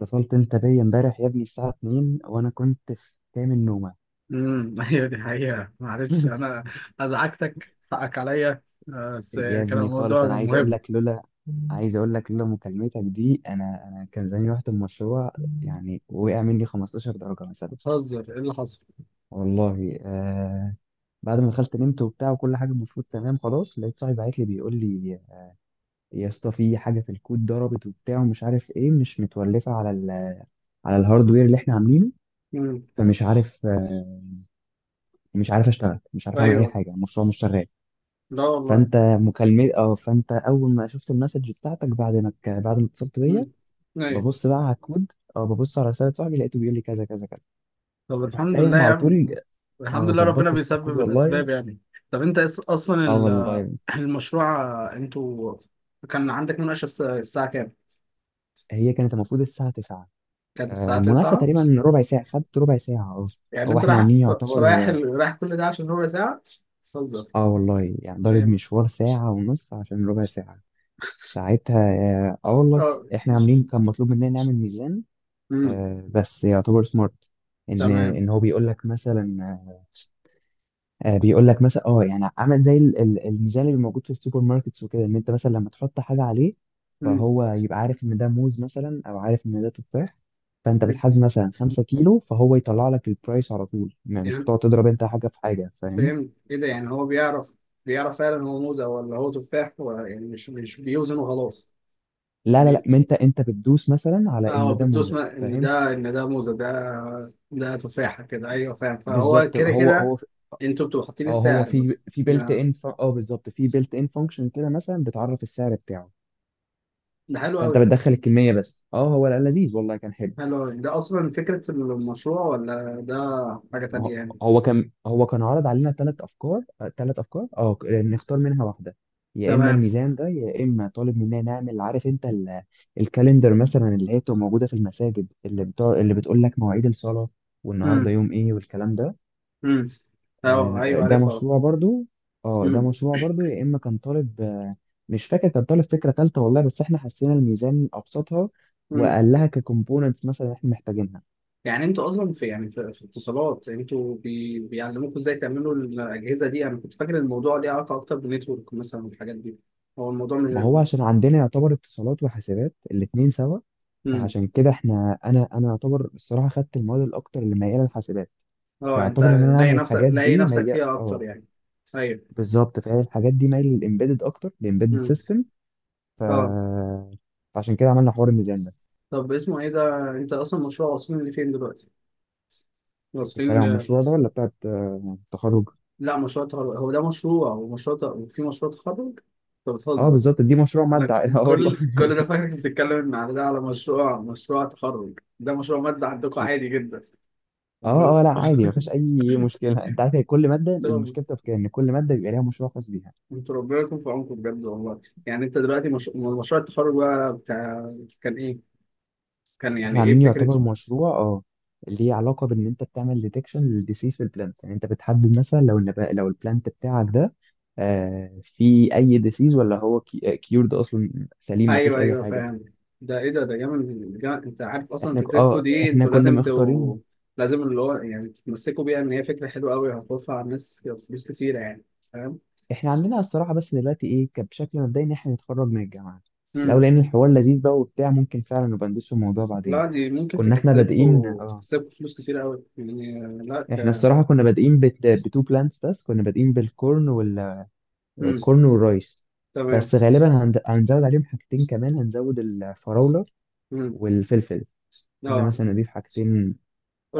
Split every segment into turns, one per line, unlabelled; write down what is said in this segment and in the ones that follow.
اتصلت انت بيا امبارح يا ابني الساعة 2 وانا كنت في كامل نومة.
ايوه دي حقيقة. معلش انا ازعجتك، حقك عليا. آه، بس
يا
يعني كان
ابني خالص،
الموضوع
انا
كان مهم.
عايز اقول لك لولا مكالمتك دي انا كان زماني رحت المشروع، يعني وقع مني 15 درجة مثلا.
بتهزر، ايه اللي حصل؟
والله آه. بعد ما دخلت نمت وبتاع وكل حاجة المفروض تمام خلاص، لقيت صاحبي بعت لي بيقول لي يا اسطى في حاجة في الكود ضربت وبتاع ومش عارف ايه، مش متولفة على ال على الهاردوير اللي احنا عاملينه.
امم
فمش عارف، مش عارف اشتغل، مش عارف اعمل اي
ايوه.
حاجة، المشروع مش شغال.
لا والله.
فانت مكالمة اه فانت اول ما شفت المسج بتاعتك بعد ما بعد ما اتصلت
امم
بيا
ايوه.
ببص بقى على الكود، اه ببص على رسالة صاحبي لقيته بيقول لي كذا كذا كذا،
طب
رحت
الحمد لله
قايم
يا
على
عم.
طول.
الحمد
اه
لله، ربنا
ظبطت الكود
بيسبب
والله.
الاسباب يعني. طب انت
اه والله.
المشروع، آه، انتوا كان عندك مناقشة الساعة كام؟
هي كانت المفروض الساعة 9.
كانت الساعة
آه، المناقشة
9.
تقريبا ربع ساعة، خدت ربع ساعة
يعني
هو
انت
احنا عاملين يعتبر.
رايح كل ده عشان ربع ساعة؟ بتهزر.
اه والله، يعني ضارب
فاهم.
مشوار ساعة ونص عشان ربع ساعة ساعتها. اه آه والله.
اه.
احنا عاملين، كان مطلوب مننا نعمل ميزان،
امم
بس يعتبر سمارت. ان
تمام.
ان هو بيقول لك مثلا، بيقول لك مثلا، يعني عامل زي الميزان اللي موجود في السوبر ماركتس وكده، ان انت مثلا لما تحط حاجه عليه
مم.
فهو يبقى عارف ان ده موز مثلا او عارف ان ده تفاح. فانت بتحدد
بت...
مثلا 5 كيلو فهو يطلع لك البرايس على طول، مش
يعني
بتقعد تضرب انت حاجه في حاجه، فاهم؟
فهمت ايه ده. يعني هو بيعرف، بيعرف فعلا هو موزة ولا هو تفاح، ولا يعني مش بيوزن وخلاص.
لا لا لا،
بي...
ما انت بتدوس مثلا على
اه هو
انه ده
بتدوس
موزه،
ما... ان
فاهم.
ده ان ده موزة، ده ده تفاحة كده، ايوه فاهم، فهو
بالظبط
كده
هو
كده.
هو.
انتوا بتبقوا حاطين
اه هو
السعر
في
مثلا.
في بيلت
ما-
ان، بالظبط في بيلت ان فانكشن كده مثلا بتعرف السعر بتاعه.
ده حلو
فانت
قوي.
بتدخل الكميه بس. اه هو لا، لذيذ والله، كان حلو.
حلو قوي ده، اصلا فكرة المشروع ولا ده حاجة
ما
تانية
هو،
يعني؟
هو كان عرض علينا ثلاث افكار، ثلاث افكار، نختار منها واحده. يا اما
تمام.
الميزان ده، يا اما طالب مننا نعمل، عارف انت الكالندر مثلا، اللي هي بتبقى موجوده في المساجد، اللي بتاع اللي بتقول لك مواعيد الصلاه والنهارده
امم.
يوم ايه والكلام ده.
امم. اه
آه،
ايوه
ده
عارفها.
مشروع برضو. اه ده مشروع برضو. يا اما كان طالب، مش فاكر كان طالب فكره ثالثه والله، بس احنا حسينا الميزان ابسطها
امم.
واقلها ككومبوننتس مثلا احنا محتاجينها.
يعني انتوا اصلا في يعني في اتصالات، انتوا بيعلموكوا ازاي تعملوا الاجهزه دي؟ انا كنت فاكر الموضوع ليه علاقه اكتر بالنتورك مثلا والحاجات دي. هو الموضوع
ما هو
مش.
عشان عندنا يعتبر اتصالات وحاسبات الاتنين سوا،
امم.
فعشان كده احنا، انا يعتبر الصراحه خدت المواد الاكتر اللي مياله للحاسبات،
اه انت.
فيعتبر ان انا
لاقي
اعمل
نفسك
الحاجات
لاقي
دي
نفسك
ميال،
فيها اكتر يعني. ايوه.
بالظبط، فهي الحاجات دي مايله للامبيدد، اكتر للامبيدد
امم.
سيستم. ف
اه.
فعشان كده عملنا حوار الميزان ده.
طب اسمه ايه ده، انت اصلا مشروع واصلين لفين دلوقتي؟
انت بتتكلم
واصلين ل...
عن المشروع ده ولا بتاعت التخرج؟
لا مشروع تخرج، هو ده مشروع ومشروع ت... وفي مشروع تخرج؟ انت
اه
بتهزر.
بالظبط، دي مشروع
انا
ماده.
ك-
اه والله.
كل ده فاكرك بتتكلم ان على ده على مشروع، مشروع تخرج، ده مشروع مادة عندكم عادي جدا. امال
اه اه، لا عادي ما فيهاش
قلت
اي مشكله، انت عارف هي كل ماده
لهم.
المشكله بتبقى في كده، ان كل ماده بيبقى ليها مشروع خاص بيها.
انتوا ربنا يكون في عونكم بجد والله. يعني انت دلوقتي مش... أمال مشروع التخرج بقى بتاع كان ايه؟ كان يعني
احنا
ايه
عاملين يعتبر
فكرته؟
مشروع، ليه علاقه بان انت بتعمل ديتكشن للديسيز في البلانت. يعني انت بتحدد مثلا لو النبات، لو البلانت بتاعك ده آه في اي ديسيز ولا هو كيورد اصلا سليم ما فيهوش
ايوه
اي
ايوه
حاجه.
فاهم. ده ايه ده، ده جامد انت عارف. اصلا
احنا ك-
فكرتكم
اه
دي
احنا
انتوا
كنا
لازم
مختارين.
تو... لازم اللي هو يعني تتمسكوا بيها، ان هي فكره حلوه قوي، هتوفر على الناس فلوس كتيره يعني، فاهم؟
احنا عندنا الصراحه بس دلوقتي ايه، كان بشكل مبدئي ان احنا نتخرج من الجامعه، لو
امم.
لقينا الحوار لذيذ بقى وبتاع ممكن فعلا نبقى ندوس في الموضوع بعدين.
لا دي ممكن
كنا احنا بادئين،
تكسبكوا،
اه،
تكسبكوا فلوس كتيره قوي يعني، لا
احنا
ده...
الصراحه كنا بادئين بتو بلانتس، بس كنا بادئين بالكورن،
امم.
الكورن والرايس.
تمام.
بس غالبا هنزود عليهم حاجتين كمان، هنزود الفراولة
امم.
والفلفل، قلنا
اه.
مثلا نضيف حاجتين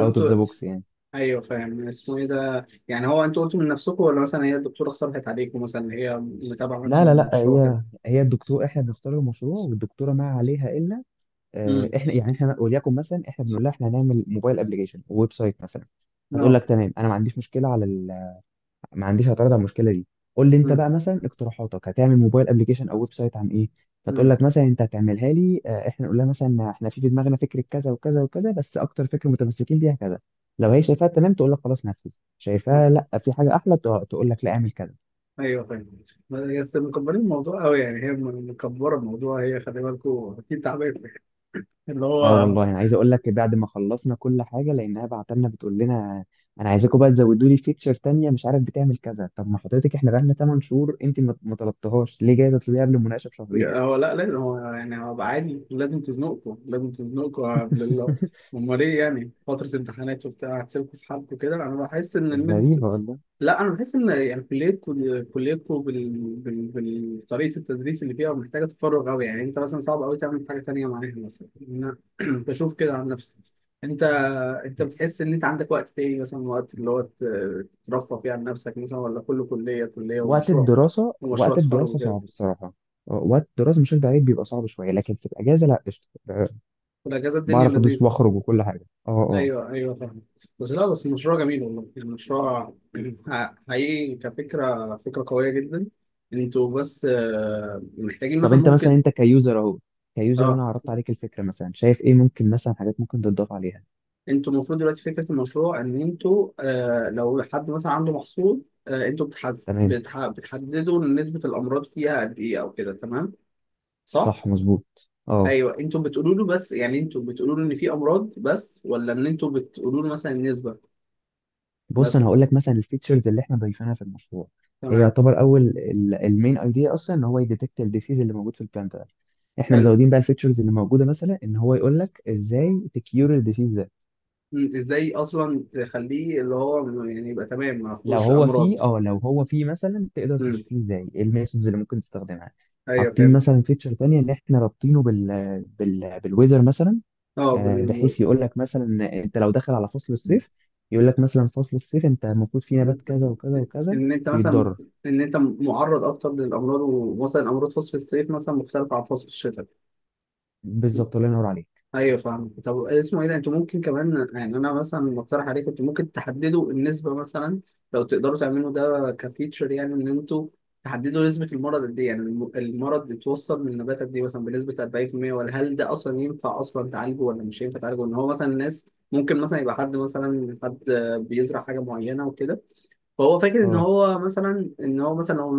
اوت اوف ذا بوكس يعني.
ايوه فاهم. اسمه ايه ده يعني، هو انتوا قلتوا من نفسكم، ولا مثلا هي الدكتوره اقترحت عليكم مثلا، اللي هي متابعه معاكم
لا لا لا،
المشروع كده؟
هي الدكتور، احنا بنختار المشروع والدكتوره ما عليها الا،
امم.
احنا يعني احنا وليكن مثلا احنا بنقول لها احنا هنعمل موبايل ابلكيشن، ويب سايت مثلا. هتقول
لا.
لك تمام، انا ما عنديش مشكله على، ما عنديش اعتراض على المشكله دي، قول لي انت
امم.
بقى مثلا اقتراحاتك هتعمل موبايل ابلكيشن او ويب سايت عن ايه. فتقول
امم.
لك مثلا انت هتعملها لي، احنا نقول لها مثلا احنا في دماغنا فكره كذا وكذا وكذا، بس اكتر فكره متمسكين بيها كذا. لو هي شايفاها تمام تقول لك خلاص نفذ، شايفاها لا في حاجه احلى تقول لك لا اعمل كذا.
ايوه فاهم. بس مكبرين الموضوع قوي يعني، مكبره الموضوع هي، خلي بالكم اكيد تعبانه اللي
اه
هو.
والله، انا عايز اقول لك بعد ما خلصنا كل حاجه، لانها بعت لنا بتقول لنا انا عايزاكم بقى تزودوا لي فيتشر تانية مش عارف بتعمل كذا. طب ما حضرتك، احنا بقالنا 8 شهور، انت ما طلبتهاش ليه؟ جايه تطلبيها قبل المناقشه بشهرين.
هو لا لازم، هو يعني هو بقى عادي لازم تزنقكم، لازم تزنقكم قبل الله. امال ايه يعني، فتره امتحانات وبتاع هتسيبكم في حالكم كده؟ انا بحس ان.
غريبه والله.
لا انا بحس ان يعني كليتكم، كليتكم بال... بال... بالطريقه التدريس اللي فيها محتاجه تفرغ قوي يعني. انت مثلا صعب قوي تعمل حاجه تانية معاها مثلا. انا بشوف كده عن نفسي. انت، انت بتحس ان انت عندك وقت تاني مثلا، وقت اللي هو ترفه فيه عن نفسك مثلا، ولا كله كليه، كليه
وقت
ومشروع،
الدراسة
ومشروع
وقت
تخرج
الدراسة
وكده؟
صعب الصراحة. وقت الدراسة مش هكدب عليك بيبقى صعب شوية، لكن في الأجازة لا، قشطة،
والاجازه الدنيا
بعرف أدوس
لذيذه.
وأخرج وكل حاجة
ايوه ايوه فاهم. بس لا بس المشروع جميل والله يعني، المشروع حقيقي كفكره، فكره قويه جدا. انتوا بس آه، محتاجين
طب
مثلا
أنت مثلا،
ممكن.
أنت كيوزر أهو، كيوزر،
اه
أنا عرضت عليك الفكرة، مثلا شايف إيه ممكن مثلا حاجات ممكن تضاف عليها؟
انتوا المفروض دلوقتي فكره المشروع ان انتوا آه، لو حد مثلا عنده محصول، آه انتوا بتحز...
تمام،
بتح... بتحددوا نسبه الامراض فيها قد ايه او كده، تمام؟ صح.
صح مظبوط
ايوه انتوا بتقولوا له، بس يعني انتوا بتقولوا له ان في امراض بس، ولا ان انتوا بتقولوا له مثلا النسبه
بص أنا
مثلا؟
هقول لك مثلا الفيتشرز اللي إحنا ضايفينها في المشروع، هي
تمام.
يعتبر أول، المين أيديا أصلا إن هو يديتكت الديسيز اللي موجود في البلانت ده، احنا
حلو.
مزودين بقى الفيتشرز اللي موجوده مثلا ان هو يقول لك ازاي تكيور الديسيز ده.
مم، ازاي اصلا تخليه اللي هو يعني يبقى تمام ما
لو
فيهوش
هو
امراض.
فيه، لو هو فيه مثلا تقدر
امم.
تشفيه ازاي، ايه الميثودز اللي ممكن تستخدمها.
ايوه
حاطين
فهمت.
مثلا فيتشر تانية ان احنا رابطينه بال بالويزر مثلا.
اه
بحيث يقول لك مثلا انت لو داخل على فصل الصيف، يقول لك مثلا فصل الصيف انت المفروض فيه نبات
بت...
كذا وكذا وكذا
ان انت مثلا
بيتضرر.
ان انت معرض اكتر للامراض، ومثلا امراض فصل الصيف مثلا مختلفه عن فصل الشتاء.
بالظبط، الله ينور عليك.
ايوه فاهم. طب اسمه ايه ده، انتوا ممكن كمان يعني انا مثلا مقترح عليكم، انتوا ممكن تحددوا النسبه مثلا، لو تقدروا تعملوا ده كفيتشر يعني، ان انتوا تحددوا نسبه المرض قد ايه، يعني المرض اتوصل من النباتات دي مثلا بنسبه 40%، ولا هل ده اصلا ينفع اصلا تعالجه ولا مش ينفع تعالجه؟ ان هو مثلا الناس ممكن مثلا يبقى حد مثلا، حد بيزرع حاجه معينه وكده، فهو فاكر ان
اه
هو مثلا، ان هو مثلا لو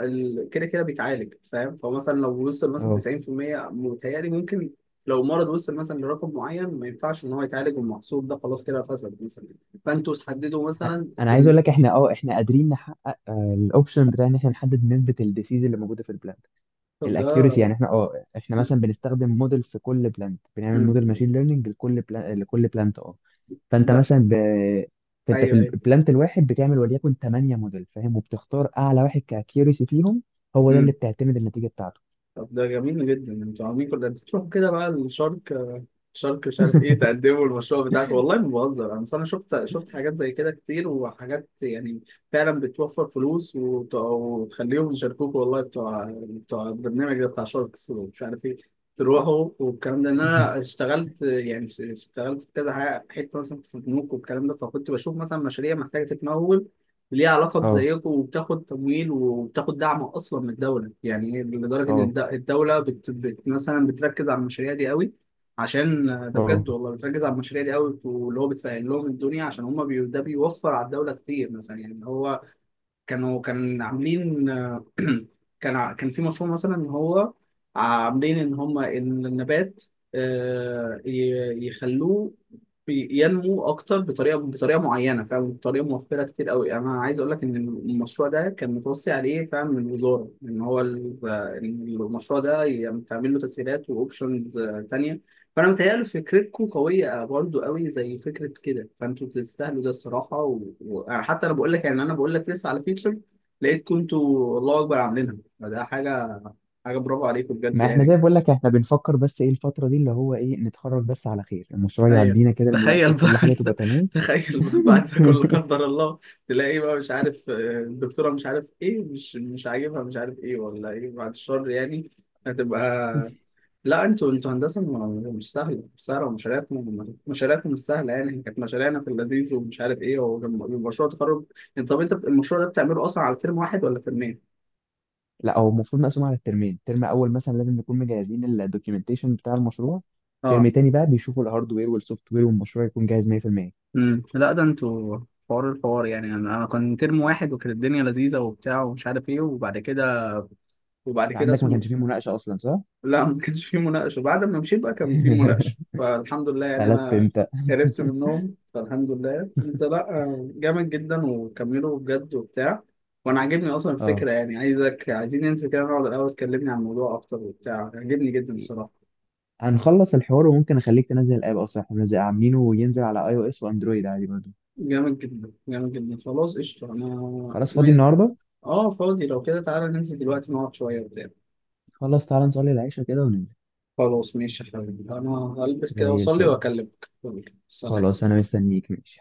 كده كده بيتعالج، فاهم، فهو مثلا لو وصل مثلا
اه
90%، متهيألي ممكن لو مرض وصل مثلا لرقم معين ما ينفعش ان هو يتعالج، والمحصول ده خلاص كده فسد مثلا. فانتوا تحددوا
انا
مثلا
عايز
ال...
اقول لك احنا، احنا قادرين نحقق الاوبشن بتاع ان احنا نحدد نسبة الديسيز اللي موجودة في البلاد،
طب ده.
الاكيورسي. يعني احنا، احنا مثلا بنستخدم موديل في كل بلانت، بنعمل
مم.
موديل ماشين ليرنينج لكل بلانت. فانت
لا.
مثلا فانت في
ايوه ايوه.
البلانت الواحد بتعمل وليكن 8 موديل فاهم، وبتختار اعلى واحد كاكيورسي فيهم، هو ده اللي
مم.
بتعتمد النتيجه بتاعته.
طب ده جميل جدا. انتوا عاملين كل ده بتروحوا كده بقى الشرق، شركة مش عارف ايه، تقدموا المشروع بتاعك. والله ما بهزر انا، أصل انا شفت، شفت حاجات زي كده كتير، وحاجات يعني فعلا بتوفر فلوس، وتخليهم يشاركوك والله، بتوع بتوع البرنامج ده بتاع شاركس ومش عارف ايه. تروحوا والكلام ده. ان انا اشتغلت يعني، اشتغلت في كذا حاجة، حته مثلا في البنوك والكلام ده، فكنت بشوف مثلا مشاريع محتاجه تتمول، ليها علاقه
اه
بزيكم، وبتاخد تمويل وبتاخد دعم اصلا من الدوله يعني، لدرجه ان
اه
الدوله بت... بت... مثلا بتركز على المشاريع دي قوي، عشان ده
اه
بجد والله بتركز على المشاريع دي قوي، واللي هو بتسهل لهم الدنيا، عشان هم بي... ده بيوفر على الدولة كتير مثلا يعني، اللي هو كانوا كان عاملين. كان في مشروع مثلا ان هو عاملين ان هم ان النبات آه، يخلوه ينمو اكتر بطريقه، بطريقه معينه، فاهم، بطريقه موفره كتير قوي. انا عايز اقول لك ان المشروع ده كان متوصي عليه فعلا من الوزاره، ان هو إن المشروع ده يعني تعمل له تسهيلات واوبشنز تانية. فانا متهيألي فكرتكم قويه برضو قوي زي فكره كده، فانتوا تستاهلوا ده الصراحه، و... و... أنا حتى، انا بقول لك يعني، انا بقول لك لسه على فيتشر لقيتكم انتوا الله اكبر عاملينها، فده حاجه، حاجه برافو عليكم بجد
ما احنا
يعني.
زي بقول لك احنا بنفكر بس، ايه الفتره دي اللي هو ايه نتخرج بس على خير المشروع،
ايوه.
يعدينا كده المناقشه
تخيل بقى.
وكل حاجه تبقى تمام.
تخيل بقى بعد ده كله قدر الله تلاقي بقى مش عارف آه، الدكتوره مش عارف ايه، مش عاجبها مش عارف ايه ولا ايه، بعد الشر يعني. هتبقى. لا انتوا، انتوا هندسه مش سهله، مش سهله، ومشاريعكم، مشاريعكم مش سهله يعني. إحنا كانت مشاريعنا في اللذيذ ومش عارف ايه ومشروع تخرج. انت طب انت المشروع ده بتعمله اصلا على ترم واحد ولا ترمين؟
لا، هو المفروض مقسوم على الترمين، ترم اول مثلا لازم نكون مجهزين الدوكيومنتيشن بتاع المشروع، ترم
اه.
تاني بقى بيشوفوا الهاردوير والسوفت وير والمشروع يكون جاهز 100%. انت
امم. لا ده انتوا حوار. الحوار يعني انا، انا كان ترم واحد وكانت الدنيا لذيذه وبتاع ومش عارف ايه، وبعد كده، وبعد كده
عندك ما
اسمه.
كانش فيه مناقشه اصلا صح؟
لا ما كانش في مناقشة، بعد ما مشيت بقى كان في مناقشة، فالحمد لله يعني.
قلت
أنا
انت.
هربت منهم فالحمد لله. أنت لأ جامد جدا، وكملوا بجد وبتاع. وأنا عاجبني أصلا
اه
الفكرة يعني، عايزك، عايزين ننزل كده نقعد الأول تكلمني عن الموضوع أكتر وبتاع، عاجبني جدا الصراحة.
هنخلص الحوار وممكن اخليك تنزل الاب، اصلا احنا عاملينه وينزل على اي او اس واندرويد عادي برضه.
جامد جدا، جامد جدا، خلاص قشطة أنا.
خلاص،
اسمه
فاضي
إيه؟
النهارده.
آه فاضي. لو كده تعالى ننزل دلوقتي نقعد شوية وبتاع.
خلاص تعالى نصلي العشاء كده وننزل.
خلاص ماشي يا حبيبي، أنا هلبس كده
زي
وأصلي
الفل.
وأكلمك، يلا،
خلاص
سلام
انا مستنيك، ماشي.